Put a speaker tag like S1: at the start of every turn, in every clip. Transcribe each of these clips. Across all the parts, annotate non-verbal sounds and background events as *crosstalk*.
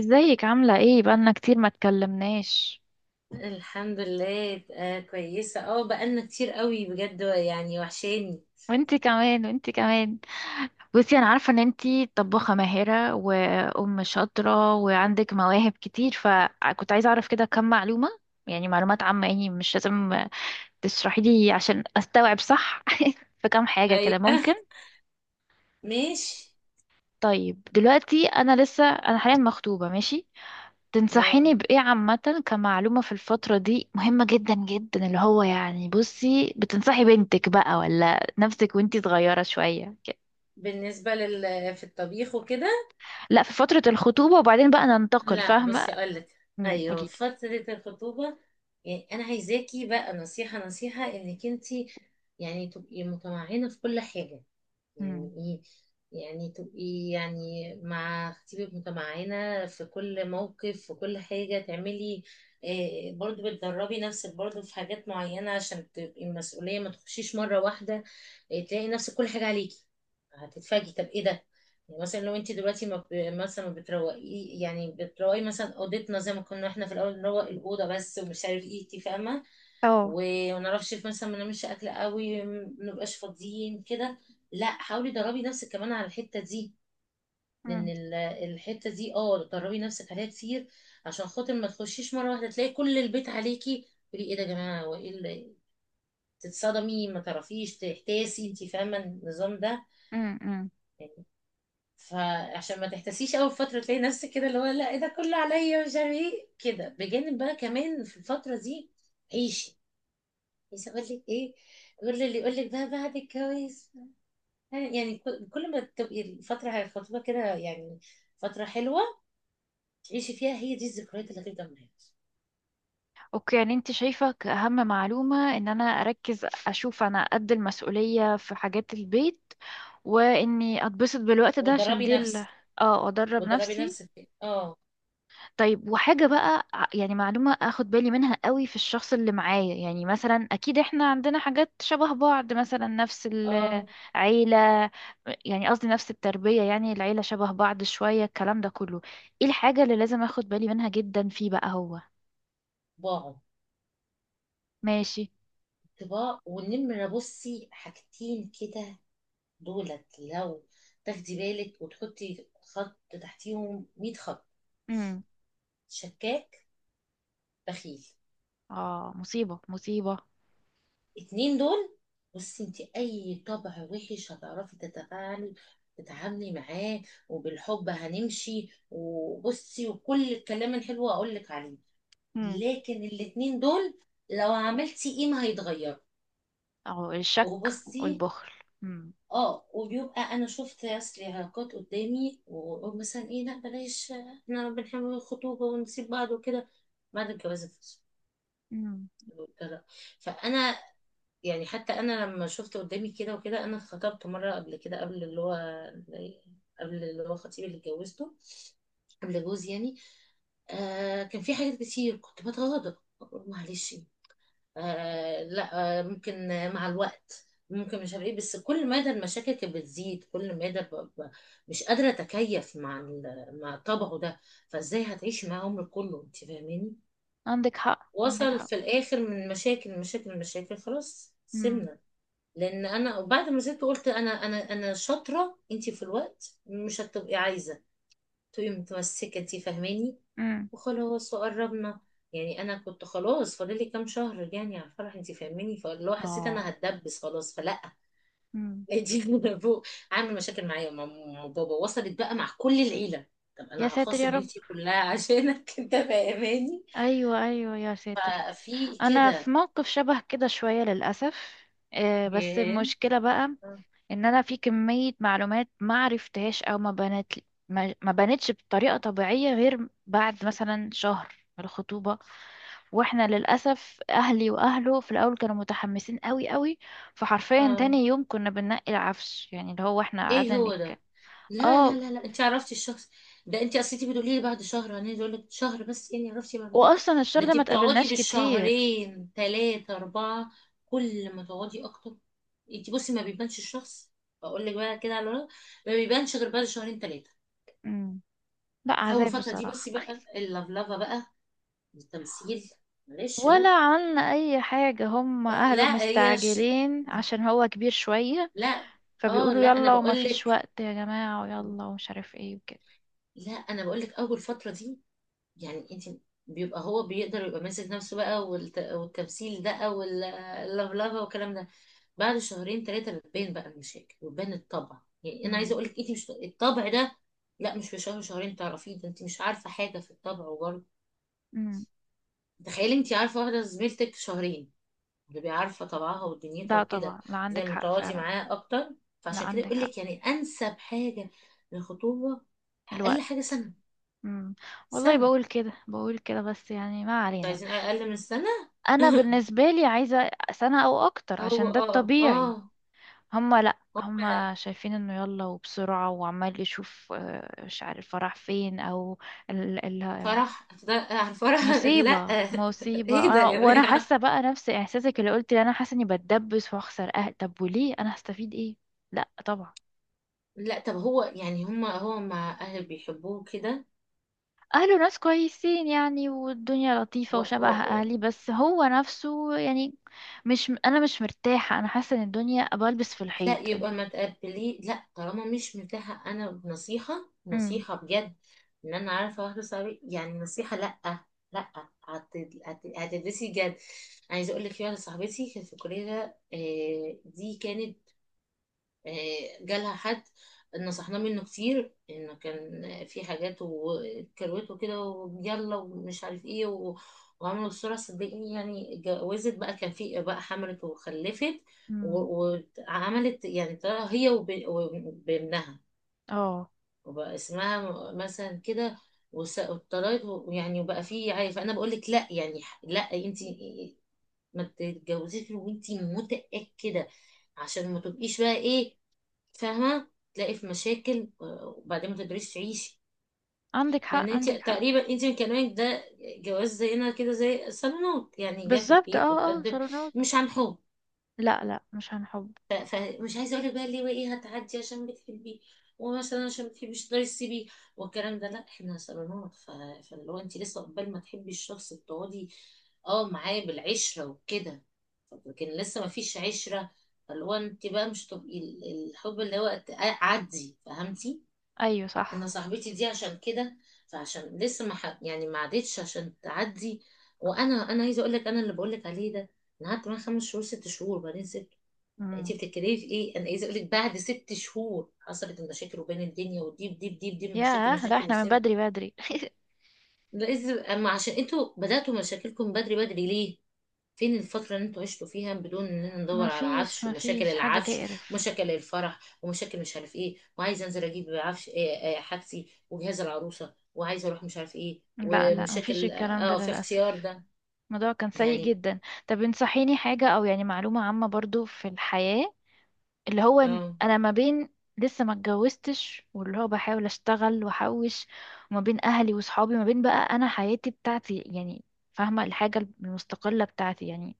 S1: ازيك؟ عاملة ايه؟ بقالنا كتير ما اتكلمناش.
S2: الحمد لله، آه كويسة. اه بقالنا كتير قوي بجد، يعني وحشاني.
S1: وانتي كمان، وانتي كمان. بصي، انا عارفة ان انتي طباخة ماهرة وام شاطرة وعندك مواهب كتير، فكنت عايزة اعرف كده كم معلومة، يعني معلومات عامة، يعني مش لازم تشرحي لي عشان استوعب صح. *laughs* في كام حاجة
S2: ايوه.
S1: كده
S2: *laughs*
S1: ممكن.
S2: ماشي.
S1: طيب، دلوقتي انا لسه، انا حاليا مخطوبة، ماشي.
S2: اه
S1: تنصحيني بإيه عامة كمعلومة في الفترة دي مهمة جدا جدا؟ اللي هو يعني، بصي، بتنصحي بنتك بقى ولا نفسك وانتي صغيرة شوية كده.
S2: بالنسبة لل في الطبيخ وكده.
S1: لا، في فترة الخطوبة وبعدين بقى ننتقل،
S2: لا
S1: فاهمة.
S2: بصي اقولك، ايوه
S1: قوليلي.
S2: فترة الخطوبة. يعني انا عايزاكي بقى نصيحة انك انتي يعني تبقي متمعنة في كل حاجة.
S1: امم
S2: يعني ايه؟ يعني تبقي يعني مع خطيبك متمعنة في كل موقف، في كل حاجة تعملي. إيه برضو بتدربي نفسك برضو في حاجات معينة، عشان تبقي المسؤولية ما تخشيش مرة واحدة. إيه تلاقي نفسك كل حاجة عليكي، هتتفاجئي طب ايه ده. يعني مثلا لو انت دلوقتي ما ب... مثلا ما بتروقي، يعني بتروقي مثلا اوضتنا زي ما كنا احنا في الاول، نروق الاوضه بس ومش عارف ايه، انت فاهمه.
S1: اه.
S2: وما نعرفش مثلا ما نعملش اكل قوي، ما نبقاش فاضيين كده. لا حاولي دربي نفسك كمان على الحته دي. لان
S1: امم
S2: ال- الحته دي اه دربي نفسك عليها كتير، عشان خاطر ما تخشيش مره واحده تلاقي كل البيت عليكي تقولي ايه ده يا جماعه، تتصدمي ما تعرفيش تحتاسي، انت فاهمه النظام ده.
S1: أمم.
S2: يعني فعشان ما تحتسيش اول فتره تلاقي نفسك كده، اللي هو لا إيه ده كله عليا مش عارف ايه كده. بجانب بقى كمان في الفتره دي عيشي. بس اقول لك ايه، قول لي اللي يقول لك بقى بعد الجواز. يعني كل ما تبقي الفتره الخطوبه كده، يعني فتره حلوه تعيشي فيها، هي دي الذكريات اللي هتفضل معاكي.
S1: اوكي، يعني انت شايفة كأهم معلومة ان انا اركز اشوف انا قد المسؤولية في حاجات البيت، واني اتبسط بالوقت ده عشان
S2: وتدربي
S1: دي
S2: نفسك
S1: اه، ادرب
S2: وتدربي
S1: نفسي.
S2: نفسك اه.
S1: طيب، وحاجة بقى يعني معلومة اخد بالي منها قوي في الشخص اللي معايا، يعني مثلا اكيد احنا عندنا حاجات شبه بعض، مثلا نفس
S2: اه.
S1: العيلة، يعني قصدي نفس التربية، يعني العيلة شبه بعض شوية، الكلام ده كله، ايه الحاجة اللي لازم اخد بالي منها جدا فيه بقى هو؟
S2: طباعه.
S1: ماشي.
S2: طباع والنمره، بصي حاجتين كده دولت، لو تاخدي بالك وتحطي خط تحتيهم 100 خط:
S1: امم
S2: شكاك، بخيل.
S1: اه، مصيبة مصيبة.
S2: اتنين دول، بصي انت اي طبع وحش هتعرفي تتعاملي معاه، وبالحب هنمشي، وبصي وكل الكلام الحلو هقول لك عليه.
S1: امم
S2: لكن الاتنين دول لو عملتي ايه ما هيتغير.
S1: اه، الشك
S2: وبصي
S1: والبخل. امم
S2: اه، وبيبقى انا شفت اصل علاقات قدامي وأقول مثلا ايه لا بلاش، احنا بنحب الخطوبه ونسيب بعض وكده، بعد الجواز الفصل
S1: امم
S2: والطلاق. فانا يعني حتى انا لما شفت قدامي كده وكده، انا اتخطبت مره قبل كده قبل اللي هو خطيبي اللي اتجوزته، قبل جوزي يعني. آه كان في حاجات كتير كنت بتغاضى، أقول معلش، آه لا آه ممكن، مع الوقت ممكن مش عارف ايه. بس كل مدى المشاكل كانت بتزيد، كل مدى مش قادره اتكيف مع مع طبعه ده. فازاي هتعيشي معاه عمرك كله، انت فاهماني.
S1: عندك حق، عندك
S2: وصل
S1: حق.
S2: في الاخر من مشاكل خلاص
S1: امم
S2: سيبنا. لان انا بعد ما زدت قلت انا شاطره، انت في الوقت مش هتبقي عايزه تبقي متمسكه، انت فاهماني.
S1: امم
S2: وخلاص وقربنا، يعني انا كنت خلاص فاضل لي كام شهر يعني على الفرح، انت فاهماني. فاللي هو حسيت انا
S1: اه.
S2: هتدبس خلاص فلا.
S1: امم
S2: *laughs* دي فوق عامل مشاكل معايا وماما وبابا، وصلت بقى مع كل العيله. طب
S1: يا
S2: انا
S1: ساتر يا
S2: هخاصم
S1: رب.
S2: عيلتي كلها عشانك؟ *laughs* انت فاهماني.
S1: ايوه ايوه، يا ساتر.
S2: ففي
S1: انا في
S2: كده.
S1: موقف شبه كده شويه للاسف. آه، بس
S2: ياه.
S1: المشكله بقى
S2: اه.
S1: ان انا في كميه معلومات ما عرفتهاش، او ما بنت، ما بنتش بطريقه طبيعيه غير بعد مثلا شهر من الخطوبه. واحنا للاسف اهلي واهله في الاول كانوا متحمسين قوي قوي، فحرفيا
S2: آه.
S1: تاني يوم كنا بننقي العفش، يعني اللي هو احنا
S2: ايه
S1: قعدنا
S2: هو
S1: نك
S2: ده، لا لا
S1: اه.
S2: لا لا انت عرفتي الشخص ده. انت اصل انت بتقولي لي بعد شهر، انا اقول لك شهر بس يعني عرفتي معلومات؟
S1: واصلا الشهر
S2: ده
S1: ده
S2: انت
S1: ما
S2: بتقعدي
S1: اتقابلناش كتير.
S2: بالشهرين ثلاثة أربعة، كل ما تقعدي أكتر. انت بصي ما بيبانش الشخص، بقول لك بقى كده على الورق ما بيبانش غير بعد شهرين ثلاثة.
S1: مم. لا
S2: أول
S1: عذاب
S2: فترة دي بس
S1: بصراحه.
S2: بقى
S1: *laughs*
S2: اللفلفة بقى، التمثيل، معلش
S1: ولا
S2: بقى.
S1: عملنا اي حاجة، هم اهله
S2: لا هي ش...
S1: مستعجلين عشان هو كبير شوية،
S2: لا. اه
S1: فبيقولوا
S2: لا أنا
S1: يلا وما
S2: بقول
S1: فيش
S2: لك
S1: وقت يا جماعة، ويلا ومش عارف ايه وكده.
S2: لا أنا بقول لك أول فترة دي يعني انت بيبقى هو بيقدر يبقى ماسك نفسه بقى، والتمثيل ده واللفلفه والكلام ده. بعد شهرين ثلاثه بتبان بقى المشاكل وتبان الطبع. يعني انا عايزه
S1: امم
S2: اقول لك انت مش الطبع ده، لا مش في شهر شهرين تعرفيه ده، انت مش عارفه حاجه في الطبع. وبرضه
S1: امم
S2: تخيلي انت عارفه واحده زميلتك شهرين، بتبقي عارفه طبعها ودنيتها
S1: ده
S2: وكده،
S1: طبعا، لا
S2: زي
S1: عندك
S2: ما
S1: حق
S2: تقعدي
S1: فعلا.
S2: معاها اكتر.
S1: لا
S2: فعشان كده
S1: عندك
S2: يقول
S1: حق.
S2: لك يعني انسب حاجه للخطوبه اقل
S1: الوقت.
S2: حاجه سنه.
S1: امم والله
S2: سنه.
S1: بقول كده، بقول كده، بس يعني ما
S2: انتوا
S1: علينا.
S2: عايزين اقل من سنه؟
S1: انا
S2: *laughs*
S1: بالنسبة لي عايزة سنة او اكتر
S2: هو
S1: عشان ده
S2: اه
S1: الطبيعي.
S2: اه،
S1: هم، لا
S2: هم
S1: هم
S2: لا.
S1: شايفين انه يلا وبسرعة وعمال يشوف. آه، مش عارف راح فين او.
S2: فرح يعني فرح. لا
S1: مصيبة
S2: *laughs*
S1: مصيبة،
S2: ايه ده
S1: أنا
S2: يا
S1: وأنا
S2: جماعة.
S1: حاسة بقى نفس إحساسك اللي قلت لي، أنا حاسة إني بتدبس وأخسر أهل، طب وليه؟ أنا هستفيد إيه؟ لأ طبعا.
S2: لا طب هو يعني هم هو مع اهل بيحبوه كده.
S1: أهله ناس كويسين يعني، والدنيا
S2: و...
S1: لطيفة
S2: و...
S1: وشبه
S2: و...
S1: أهلي، بس هو نفسه يعني، مش مرتاحة، أنا حاسة إن الدنيا بلبس في
S2: لا
S1: الحيط.
S2: يبقى ما تقبليه، لا طالما مش متاحة، انا بنصيحة
S1: امم
S2: نصيحة بجد ان انا عارفة اخلص عليه، يعني نصيحة لا. لا. هت- هتدرسي جد. عايزة اقول لك في واحدة صاحبتي كانت في الكلية، آه، دي كانت آه، جالها حد نصحناه منه كتير، انه كان في حاجات وكروت وكده، ويلا ومش عارف ايه وعملوا الصورة. صدقيني يعني اتجوزت بقى، كان في بقى، حملت وخلفت،
S1: امم
S2: و- وعملت يعني طلع هي وبابنها،
S1: اه،
S2: وبقى اسمها مثلا كده، وطلعت يعني وبقى في، عارف انا بقول لك لا يعني لا انت ما تتجوزيش وانت متأكدة عشان ما تبقيش بقى ايه، فاهمه تلاقي في مشاكل آه، وبعدين ما تقدريش تعيشي.
S1: عندك
S2: لان
S1: حق،
S2: انت
S1: عندك حق.
S2: تقريبا انت من كلامك ده، جواز زينا كده زي صالونات، يعني جه في
S1: بالظبط،
S2: البيت
S1: اه اه،
S2: وتقدم،
S1: صالونات.
S2: مش عن حب.
S1: لأ لأ، مش هنحب.
S2: فمش عايزه اقول لك بقى ليه وايه هتعدي عشان بتحبيه، ومثلا عشان بتحبيش تقدري تسيبيه والكلام ده، لا احنا صالونات. فاللي هو انت لسه قبل ما تحبي الشخص بتقعدي اه معاه بالعشره وكده، لكن لسه ما فيش عشره. فاللي هو انت بقى مش تبقي الحب اللي هو عدي، فهمتي؟
S1: أيوه
S2: انا
S1: صح.
S2: صاحبتي دي عشان كده، فعشان لسه ما ح... يعني ما عدتش عشان تعدي. وانا عايزه اقول لك انا اللي بقول لك عليه ده، انا قعدت معاه 5 شهور 6 شهور بعدين سبت. انت
S1: امم
S2: بتتكلمي في ايه؟ انا عايزه اقول لك بعد 6 شهور حصلت المشاكل، وبين الدنيا ودي بدي مشاكل
S1: ياه، لأ
S2: مشاكل
S1: احنا من
S2: وسبت.
S1: بدري بدري. *laughs*
S2: لازم اما عشان انتوا بداتوا مشاكلكم بدري ليه؟ فين الفترة اللي انتوا عشتوا فيها بدون اننا
S1: ما
S2: ندور على
S1: فيش،
S2: عفش،
S1: ما
S2: ومشاكل
S1: فيش حاجة
S2: العفش
S1: تقرف.
S2: ومشاكل الفرح ومشاكل مش عارف ايه، وعايز انزل اجيب عفش إيه إيه حاجتي وجهاز العروسة، وعايز اروح مش عارف ايه،
S1: لا لا، ما فيش
S2: ومشاكل
S1: الكلام ده
S2: اه آه، في اختيار
S1: للأسف.
S2: ده.
S1: الموضوع كان سيء
S2: يعني
S1: جدا. طب انصحيني حاجة، أو يعني معلومة عامة برضو في الحياة، اللي هو إن
S2: اه
S1: أنا ما بين، لسه ما اتجوزتش واللي هو بحاول أشتغل وأحوش، وما بين أهلي وصحابي، ما بين بقى أنا حياتي بتاعتي يعني، فاهمة، الحاجة المستقلة بتاعتي يعني،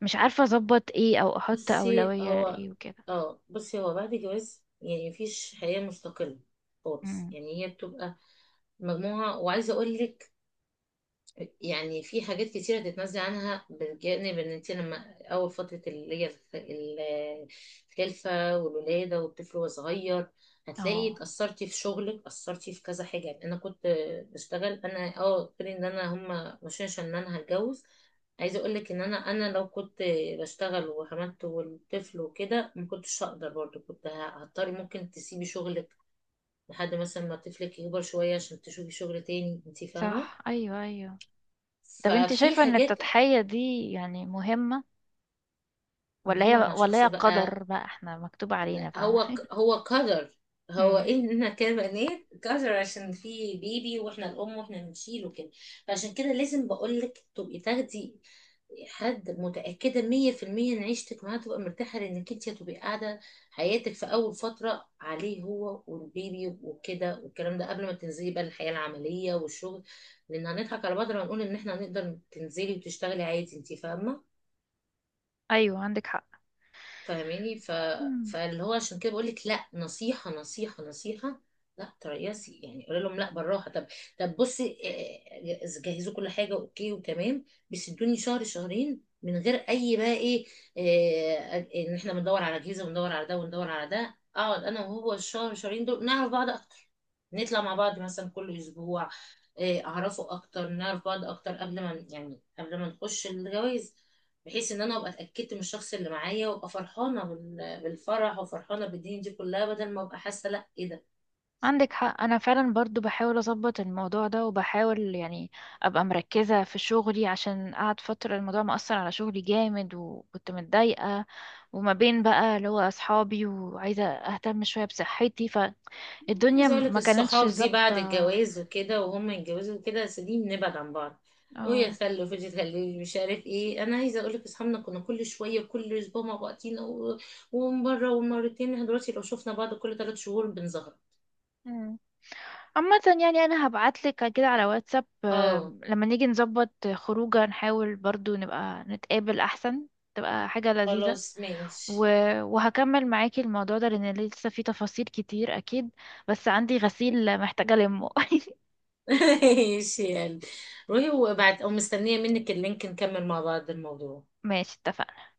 S1: مش عارفة أظبط إيه أو أحط
S2: بصي
S1: أولوية
S2: هو
S1: إيه وكده.
S2: اه بصي هو بعد الجواز يعني مفيش حياة مستقلة خالص.
S1: أمم.
S2: يعني هي بتبقى مجموعة. وعايزة اقول لك يعني في حاجات كتيرة تتنازلي عنها. بالجانب ان انت لما اول فترة اللي هي الخلفة والولادة والطفل وهو صغير، هتلاقي
S1: اه
S2: اتأثرتي في شغلك اتأثرتي في كذا حاجة. يعني انا كنت بشتغل انا اه قلت لي ان انا هما ماشيين عشان انا هتجوز. عايزة اقول لك ان انا لو كنت بشتغل وحملت والطفل وكده، ما كنتش هقدر برضه، كنت هضطري ممكن تسيبي شغلك لحد مثلا ما طفلك يكبر شوية عشان تشوفي شغل تاني، انت فاهمة.
S1: صح، أيوه أيوه. طب انت
S2: ففي
S1: شايفة ان
S2: حاجات
S1: التضحية دي يعني مهمة ولا
S2: مهمة
S1: هي،
S2: مع
S1: ولا
S2: شخص
S1: هي
S2: بقى.
S1: قدر بقى احنا مكتوب علينا،
S2: لا
S1: فاهمة؟
S2: هو
S1: *laughs*
S2: هو قدر، هو
S1: مم.
S2: إحنا كبنات قدر، عشان في بيبي وإحنا الأم وإحنا بنشيله كده. فعشان كده لازم بقولك تبقي تاخدي حد متأكدة 100% إن عيشتك معاه تبقى مرتاحة، لأنك أنت هتبقي قاعدة حياتك في أول فترة عليه هو والبيبي وكده والكلام ده، قبل ما تنزلي بقى الحياة العملية والشغل. لأن هنضحك على بعض لما نقول إن إحنا هنقدر تنزلي وتشتغلي عادي، أنت فاهمة.
S1: ايوه عندك حق.
S2: فاهماني.
S1: مم.
S2: فاللي هو عشان كده بقول لك لا، نصيحه نصيحه لا تريسي، يعني قولي لهم لا بالراحه. طب طب بصي، آه، آه، جهزوا كل حاجه اوكي وتمام، بس ادوني شهر شهرين من غير اي بقى ايه، آه، آه، ان احنا بندور على اجهزه وندور على ده وندور على ده. اقعد انا وهو الشهر شهرين دول نعرف بعض اكتر، نطلع مع بعض مثلا كل اسبوع، آه، اعرفه اكتر، نعرف بعض اكتر قبل ما يعني قبل ما نخش الجواز. بحيث ان انا ابقى اتاكدت من الشخص اللي معايا، وابقى فرحانه بالفرح وفرحانه بالدنيا دي كلها، بدل ما ابقى حاسه لا ايه ده.
S1: عندك حق، انا فعلا برضو بحاول اظبط الموضوع ده وبحاول يعني ابقى مركزة في شغلي، عشان قعد فترة الموضوع مأثر على شغلي جامد وكنت متضايقة. وما بين بقى اللي هو اصحابي وعايزة اهتم شوية بصحتي، فالدنيا
S2: عايزه اقول لك
S1: ما كانتش
S2: الصحاب دي
S1: ظابطة.
S2: بعد الجواز وكده وهم يتجوزوا وكده سديم نبعد عن بعض،
S1: اه
S2: ويخلوا فيديو يخلوا مش عارف ايه. انا عايزه اقول لك اصحابنا كنا كل شويه كل اسبوع مع بعضينا ومره ومرتين، احنا دلوقتي لو شفنا بعض كل 3 شهور بنظهر.
S1: عامة، يعني انا هبعتلك كده على واتساب،
S2: اه
S1: آم، لما نيجي نظبط خروجه نحاول برضو نبقى نتقابل احسن. تبقى حاجة لذيذة.
S2: خلاص
S1: و...
S2: ماشي.
S1: وهكمل معاكي الموضوع ده لان لسه في تفاصيل كتير اكيد، بس عندي غسيل محتاجة المه. *laughs*
S2: *laughs* ماشي يعني. روحي وابعت او مستنيه منك اللينك نكمل مع بعض الموضوع.
S1: ماشي، اتفقنا.